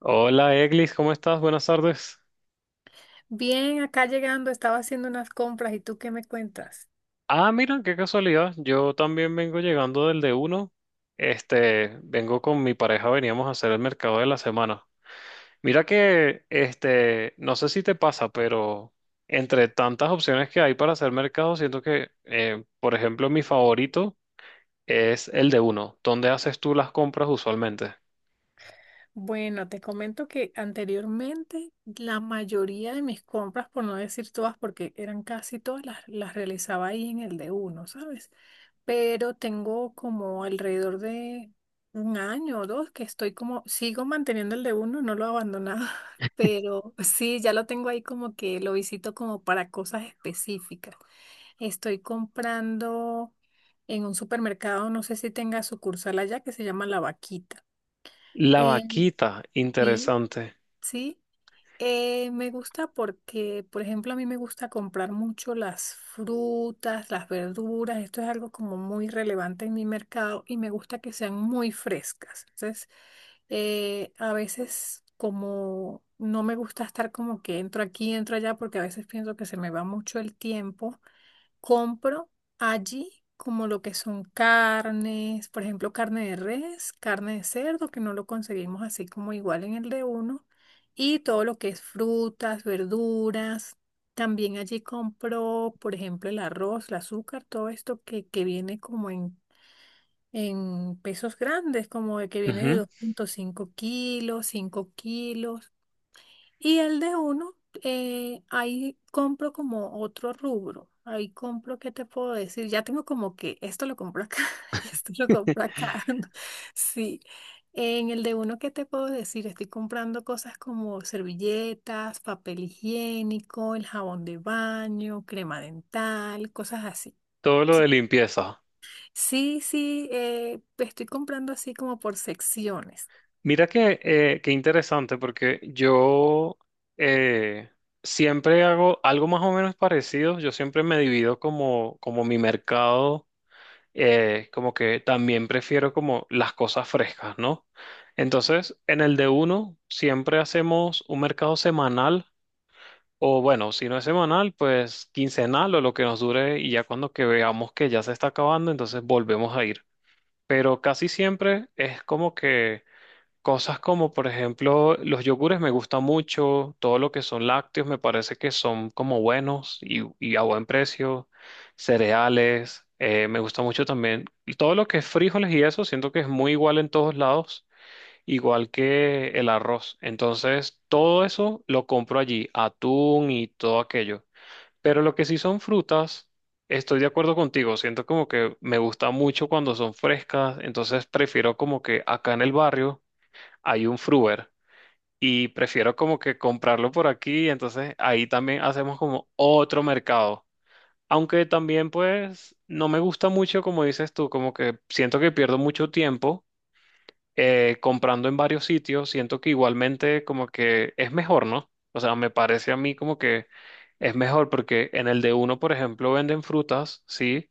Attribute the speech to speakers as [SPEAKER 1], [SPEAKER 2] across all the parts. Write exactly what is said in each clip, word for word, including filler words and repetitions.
[SPEAKER 1] Hola Eglis, ¿cómo estás? Buenas tardes.
[SPEAKER 2] Bien, acá llegando, estaba haciendo unas compras y tú qué me cuentas.
[SPEAKER 1] Ah, mira, qué casualidad. Yo también vengo llegando del de uno. Este, vengo con mi pareja, veníamos a hacer el mercado de la semana. Mira que, este, no sé si te pasa, pero entre tantas opciones que hay para hacer mercado, siento que, eh, por ejemplo, mi favorito es el de uno. ¿Dónde haces tú las compras usualmente?
[SPEAKER 2] Bueno, te comento que anteriormente la mayoría de mis compras, por no decir todas, porque eran casi todas, las, las realizaba ahí en el de uno, ¿sabes? Pero tengo como alrededor de un año o dos que estoy como, sigo manteniendo el de uno, no lo he abandonado, pero sí, ya lo tengo ahí como que lo visito como para cosas específicas. Estoy comprando en un supermercado, no sé si tenga sucursal allá, que se llama La Vaquita.
[SPEAKER 1] La
[SPEAKER 2] Eh,
[SPEAKER 1] vaquita,
[SPEAKER 2] sí,
[SPEAKER 1] interesante.
[SPEAKER 2] sí. Eh, me gusta porque, por ejemplo, a mí me gusta comprar mucho las frutas, las verduras. Esto es algo como muy relevante en mi mercado y me gusta que sean muy frescas. Entonces, eh, a veces como no me gusta estar como que entro aquí, entro allá, porque a veces pienso que se me va mucho el tiempo. Compro allí como lo que son carnes, por ejemplo, carne de res, carne de cerdo, que no lo conseguimos así como igual en el de uno, y todo lo que es frutas, verduras. También allí compro, por ejemplo, el arroz, el azúcar, todo esto que, que viene como en, en pesos grandes, como de que viene de
[SPEAKER 1] Ujú.
[SPEAKER 2] dos punto cinco kilos, cinco kilos. Y el de uno, eh, ahí compro como otro rubro. Ahí compro, ¿qué te puedo decir? Ya tengo como que esto lo compro acá y esto lo compro acá. Sí. En el de uno, ¿qué te puedo decir? Estoy comprando cosas como servilletas, papel higiénico, el jabón de baño, crema dental, cosas así.
[SPEAKER 1] Todo lo de
[SPEAKER 2] Sí,
[SPEAKER 1] limpieza.
[SPEAKER 2] sí, sí, eh, estoy comprando así como por secciones.
[SPEAKER 1] Mira que, eh, qué interesante, porque yo eh, siempre hago algo más o menos parecido. Yo siempre me divido como, como mi mercado, eh, como que también prefiero como las cosas frescas, ¿no? Entonces, en el de uno siempre hacemos un mercado semanal, o bueno, si no es semanal, pues quincenal o lo que nos dure, y ya cuando que veamos que ya se está acabando, entonces volvemos a ir. Pero casi siempre es como que cosas como, por ejemplo, los yogures me gustan mucho, todo lo que son lácteos me parece que son como buenos y, y a buen precio, cereales, eh, me gusta mucho también. Y todo lo que es frijoles y eso, siento que es muy igual en todos lados, igual que el arroz. Entonces, todo eso lo compro allí, atún y todo aquello. Pero lo que sí son frutas, estoy de acuerdo contigo, siento como que me gusta mucho cuando son frescas, entonces prefiero como que acá en el barrio hay un Fruver y prefiero como que comprarlo por aquí, entonces ahí también hacemos como otro mercado. Aunque también pues no me gusta mucho, como dices tú, como que siento que pierdo mucho tiempo eh, comprando en varios sitios, siento que igualmente como que es mejor, ¿no? O sea, me parece a mí como que es mejor porque en el de uno, por ejemplo, venden frutas, ¿sí?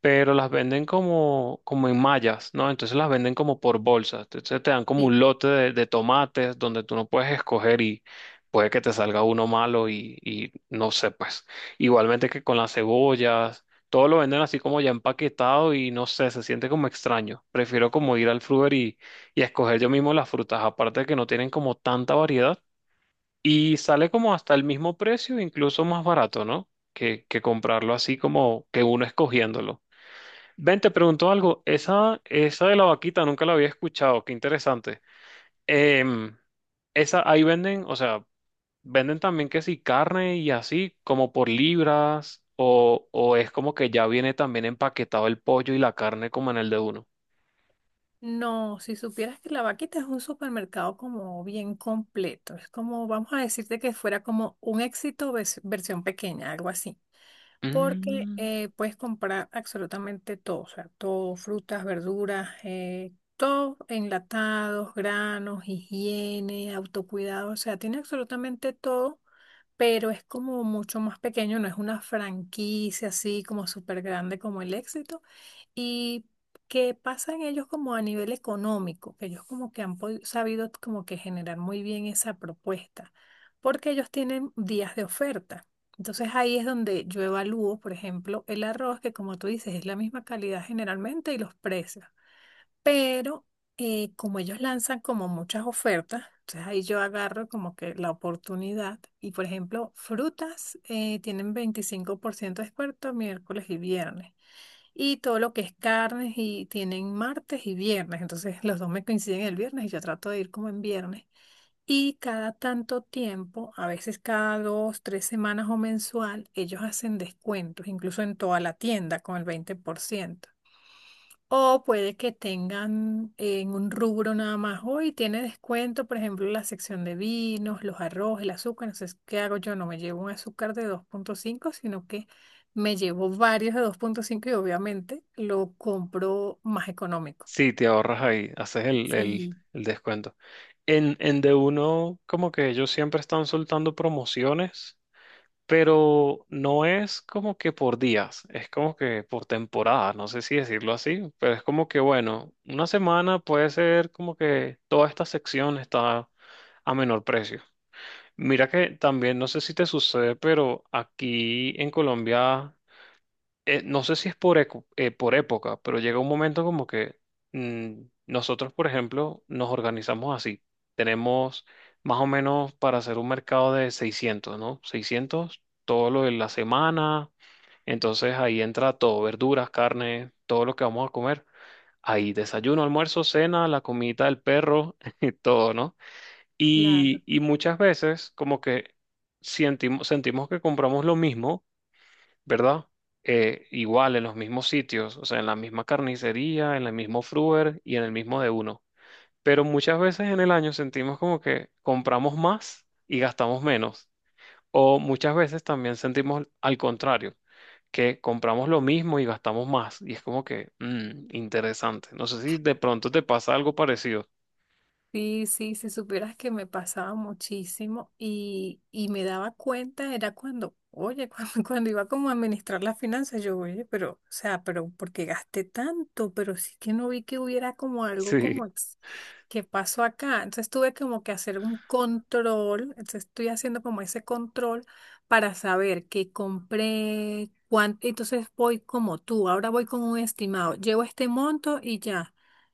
[SPEAKER 1] Pero las venden como, como en mallas, ¿no? Entonces las venden como por bolsas. Entonces te dan como un
[SPEAKER 2] Sí.
[SPEAKER 1] lote de, de tomates donde tú no puedes escoger y puede que te salga uno malo y, y no sé, pues. Igualmente que con las cebollas, todo lo venden así como ya empaquetado y no sé, se siente como extraño. Prefiero como ir al fruver y, y escoger yo mismo las frutas, aparte de que no tienen como tanta variedad y sale como hasta el mismo precio, incluso más barato, ¿no? Que, que comprarlo así como que uno escogiéndolo. Ven, te pregunto algo. Esa, esa de la vaquita nunca la había escuchado. Qué interesante. Em, Esa ahí venden, o sea, venden también que sí, carne y así, como por libras, o, o es como que ya viene también empaquetado el pollo y la carne como en el de uno.
[SPEAKER 2] No, si supieras que la Vaquita es un supermercado como bien completo, es como, vamos a decirte que fuera como un éxito ves- versión pequeña, algo así, porque
[SPEAKER 1] Mm,
[SPEAKER 2] eh, puedes comprar absolutamente todo, o sea, todo, frutas, verduras, eh, todo, enlatados, granos, higiene, autocuidado, o sea, tiene absolutamente todo, pero es como mucho más pequeño, no es una franquicia así como súper grande como el éxito. ¿Y qué pasa en ellos como a nivel económico? Que ellos como que han podi- sabido como que generar muy bien esa propuesta, porque ellos tienen días de oferta. Entonces ahí es donde yo evalúo, por ejemplo, el arroz, que como tú dices, es la misma calidad generalmente y los precios, pero eh, como ellos lanzan como muchas ofertas, entonces ahí yo agarro como que la oportunidad y, por ejemplo, frutas eh, tienen veinticinco por ciento de descuento miércoles y viernes, y todo lo que es carnes y tienen martes y viernes, entonces los dos me coinciden el viernes y yo trato de ir como en viernes. Y cada tanto tiempo, a veces cada dos, tres semanas o mensual, ellos hacen descuentos, incluso en toda la tienda con el veinte por ciento, o puede que tengan en un rubro nada más, hoy tiene descuento, por ejemplo, la sección de vinos, los arroz, el azúcar. Entonces, ¿qué hago yo? No me llevo un azúcar de dos punto cinco, sino que me llevo varios de dos punto cinco y obviamente lo compro más económico.
[SPEAKER 1] sí, te ahorras ahí, haces el, el,
[SPEAKER 2] Sí,
[SPEAKER 1] el descuento. En, en de uno, como que ellos siempre están soltando promociones. Pero no es como que por días, es como que por temporada, no sé si decirlo así, pero es como que, bueno, una semana puede ser como que toda esta sección está a menor precio. Mira que también, no sé si te sucede, pero aquí en Colombia, eh, no sé si es por, eco- eh, por época, pero llega un momento como que mm, nosotros, por ejemplo, nos organizamos así. Tenemos más o menos para hacer un mercado de seiscientos, ¿no? Seiscientos todo lo de la semana. Entonces ahí entra todo, verduras, carne, todo lo que vamos a comer. Ahí desayuno, almuerzo, cena, la comidita del perro, y todo, ¿no? Y, y muchas veces como que sentimos, sentimos que compramos lo mismo, ¿verdad? Eh, igual en los mismos sitios, o sea, en la misma carnicería, en el mismo fruver y en el mismo de uno. Pero muchas veces en el año sentimos como que compramos más y gastamos menos. O muchas veces también sentimos al contrario, que compramos lo mismo y gastamos más. Y es como que, mm, interesante. No sé si de pronto te pasa algo parecido.
[SPEAKER 2] Sí, sí, si supieras que me pasaba muchísimo y, y me daba cuenta, era cuando, oye, cuando, cuando iba como a administrar las finanzas, yo, oye, pero, o sea, pero ¿por qué gasté tanto? Pero sí que no vi que hubiera como algo
[SPEAKER 1] Sí.
[SPEAKER 2] como ex- que pasó acá. Entonces tuve como que hacer un control, entonces estoy haciendo como ese control para saber qué compré, cuánto. Entonces voy como tú, ahora voy con un estimado, llevo este monto y ya.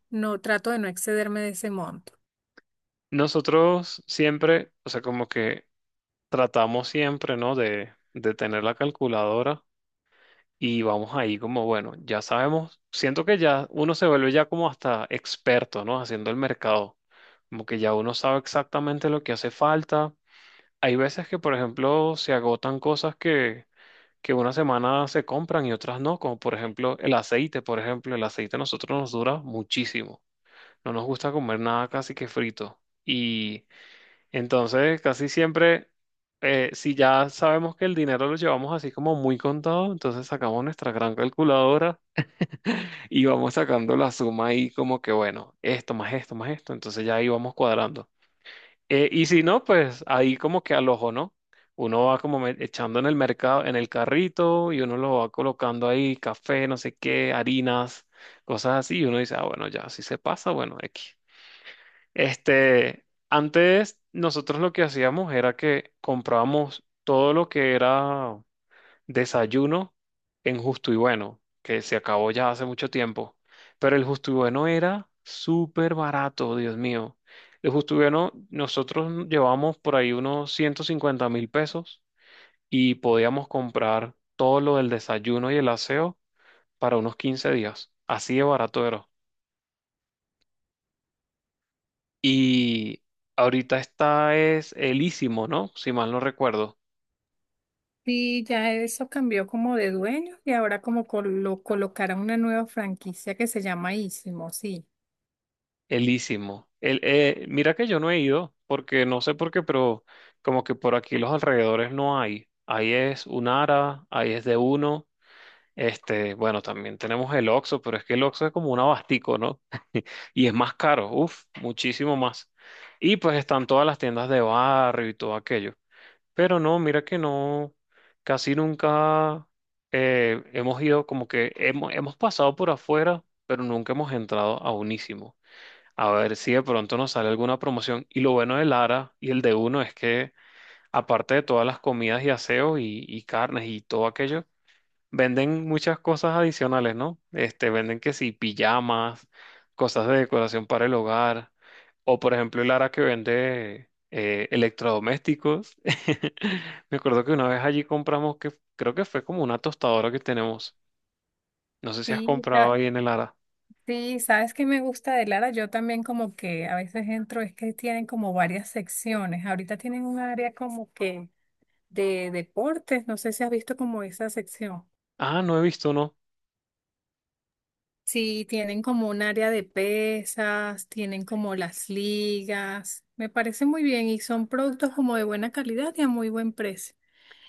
[SPEAKER 2] No, trato de no excederme de ese monto.
[SPEAKER 1] Nosotros siempre, o sea, como que tratamos siempre, ¿no? De, de tener la calculadora. Y vamos ahí como, bueno, ya sabemos, siento que ya uno se vuelve ya como hasta experto, ¿no? Haciendo el mercado, como que ya uno sabe exactamente lo que hace falta. Hay veces que, por ejemplo, se agotan cosas que, que una semana se compran y otras no, como por ejemplo el aceite, por ejemplo, el aceite a nosotros nos dura muchísimo. No nos gusta comer nada casi que frito. Y entonces, casi siempre, eh, si ya sabemos que el dinero lo llevamos así como muy contado, entonces sacamos nuestra gran calculadora y vamos sacando la suma ahí como que, bueno, esto más esto más esto, entonces ya ahí vamos cuadrando. Eh, y si no, pues ahí como que al ojo, ¿no? Uno va como me- echando en el mercado, en el carrito y uno lo va colocando ahí, café, no sé qué, harinas, cosas así, y uno dice, ah, bueno, ya, si se pasa, bueno, X. Este, antes nosotros lo que hacíamos era que comprábamos todo lo que era desayuno en Justo y Bueno, que se acabó ya hace mucho tiempo. Pero el Justo y Bueno era súper barato, Dios mío. El Justo y Bueno, nosotros llevábamos por ahí unos ciento cincuenta mil pesos y podíamos comprar todo lo del desayuno y el aseo para unos quince días. Así de barato era. Y ahorita está es Elísimo, ¿no? Si mal no recuerdo.
[SPEAKER 2] Sí, ya eso cambió como de dueño y ahora como col- lo colocaron una nueva franquicia que se llama Ísimo, sí.
[SPEAKER 1] Elísimo. El, eh, mira que yo no he ido, porque no sé por qué, pero como que por aquí los alrededores no hay. Ahí es Unara, ahí es de uno. Este, bueno, también tenemos el Oxxo, pero es que el Oxxo es como un abastico, ¿no? Y es más caro, uff, muchísimo más. Y pues están todas las tiendas de barrio y todo aquello. Pero no, mira que no, casi nunca eh, hemos ido, como que hemos, hemos pasado por afuera, pero nunca hemos entrado a Unísimo. A ver si de pronto nos sale alguna promoción. Y lo bueno de Lara y el de Uno es que, aparte de todas las comidas y aseos y, y carnes y todo aquello, venden muchas cosas adicionales, ¿no? Este, venden que sí, pijamas, cosas de decoración para el hogar, o por ejemplo el Ara que vende eh, electrodomésticos. Me acuerdo que una vez allí compramos que creo que fue como una tostadora que tenemos. No sé si has
[SPEAKER 2] Sí,
[SPEAKER 1] comprado
[SPEAKER 2] sa-
[SPEAKER 1] ahí en el Ara.
[SPEAKER 2] sí, sabes que me gusta de Lara, yo también como que a veces entro, es que tienen como varias secciones, ahorita tienen un área como que de deportes, no sé si has visto como esa sección.
[SPEAKER 1] Ah, no he visto, no.
[SPEAKER 2] Sí, tienen como un área de pesas, tienen como las ligas, me parece muy bien y son productos como de buena calidad y a muy buen precio.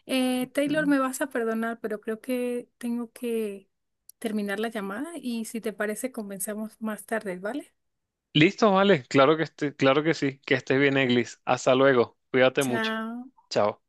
[SPEAKER 2] Eh, Taylor,
[SPEAKER 1] Mm.
[SPEAKER 2] me vas a perdonar, pero creo que tengo que terminar la llamada y, si te parece, comenzamos más tarde, ¿vale?
[SPEAKER 1] Listo, vale, claro que este- claro que sí, que estés bien, Eglis. Hasta luego, cuídate mucho.
[SPEAKER 2] Chao.
[SPEAKER 1] Chao.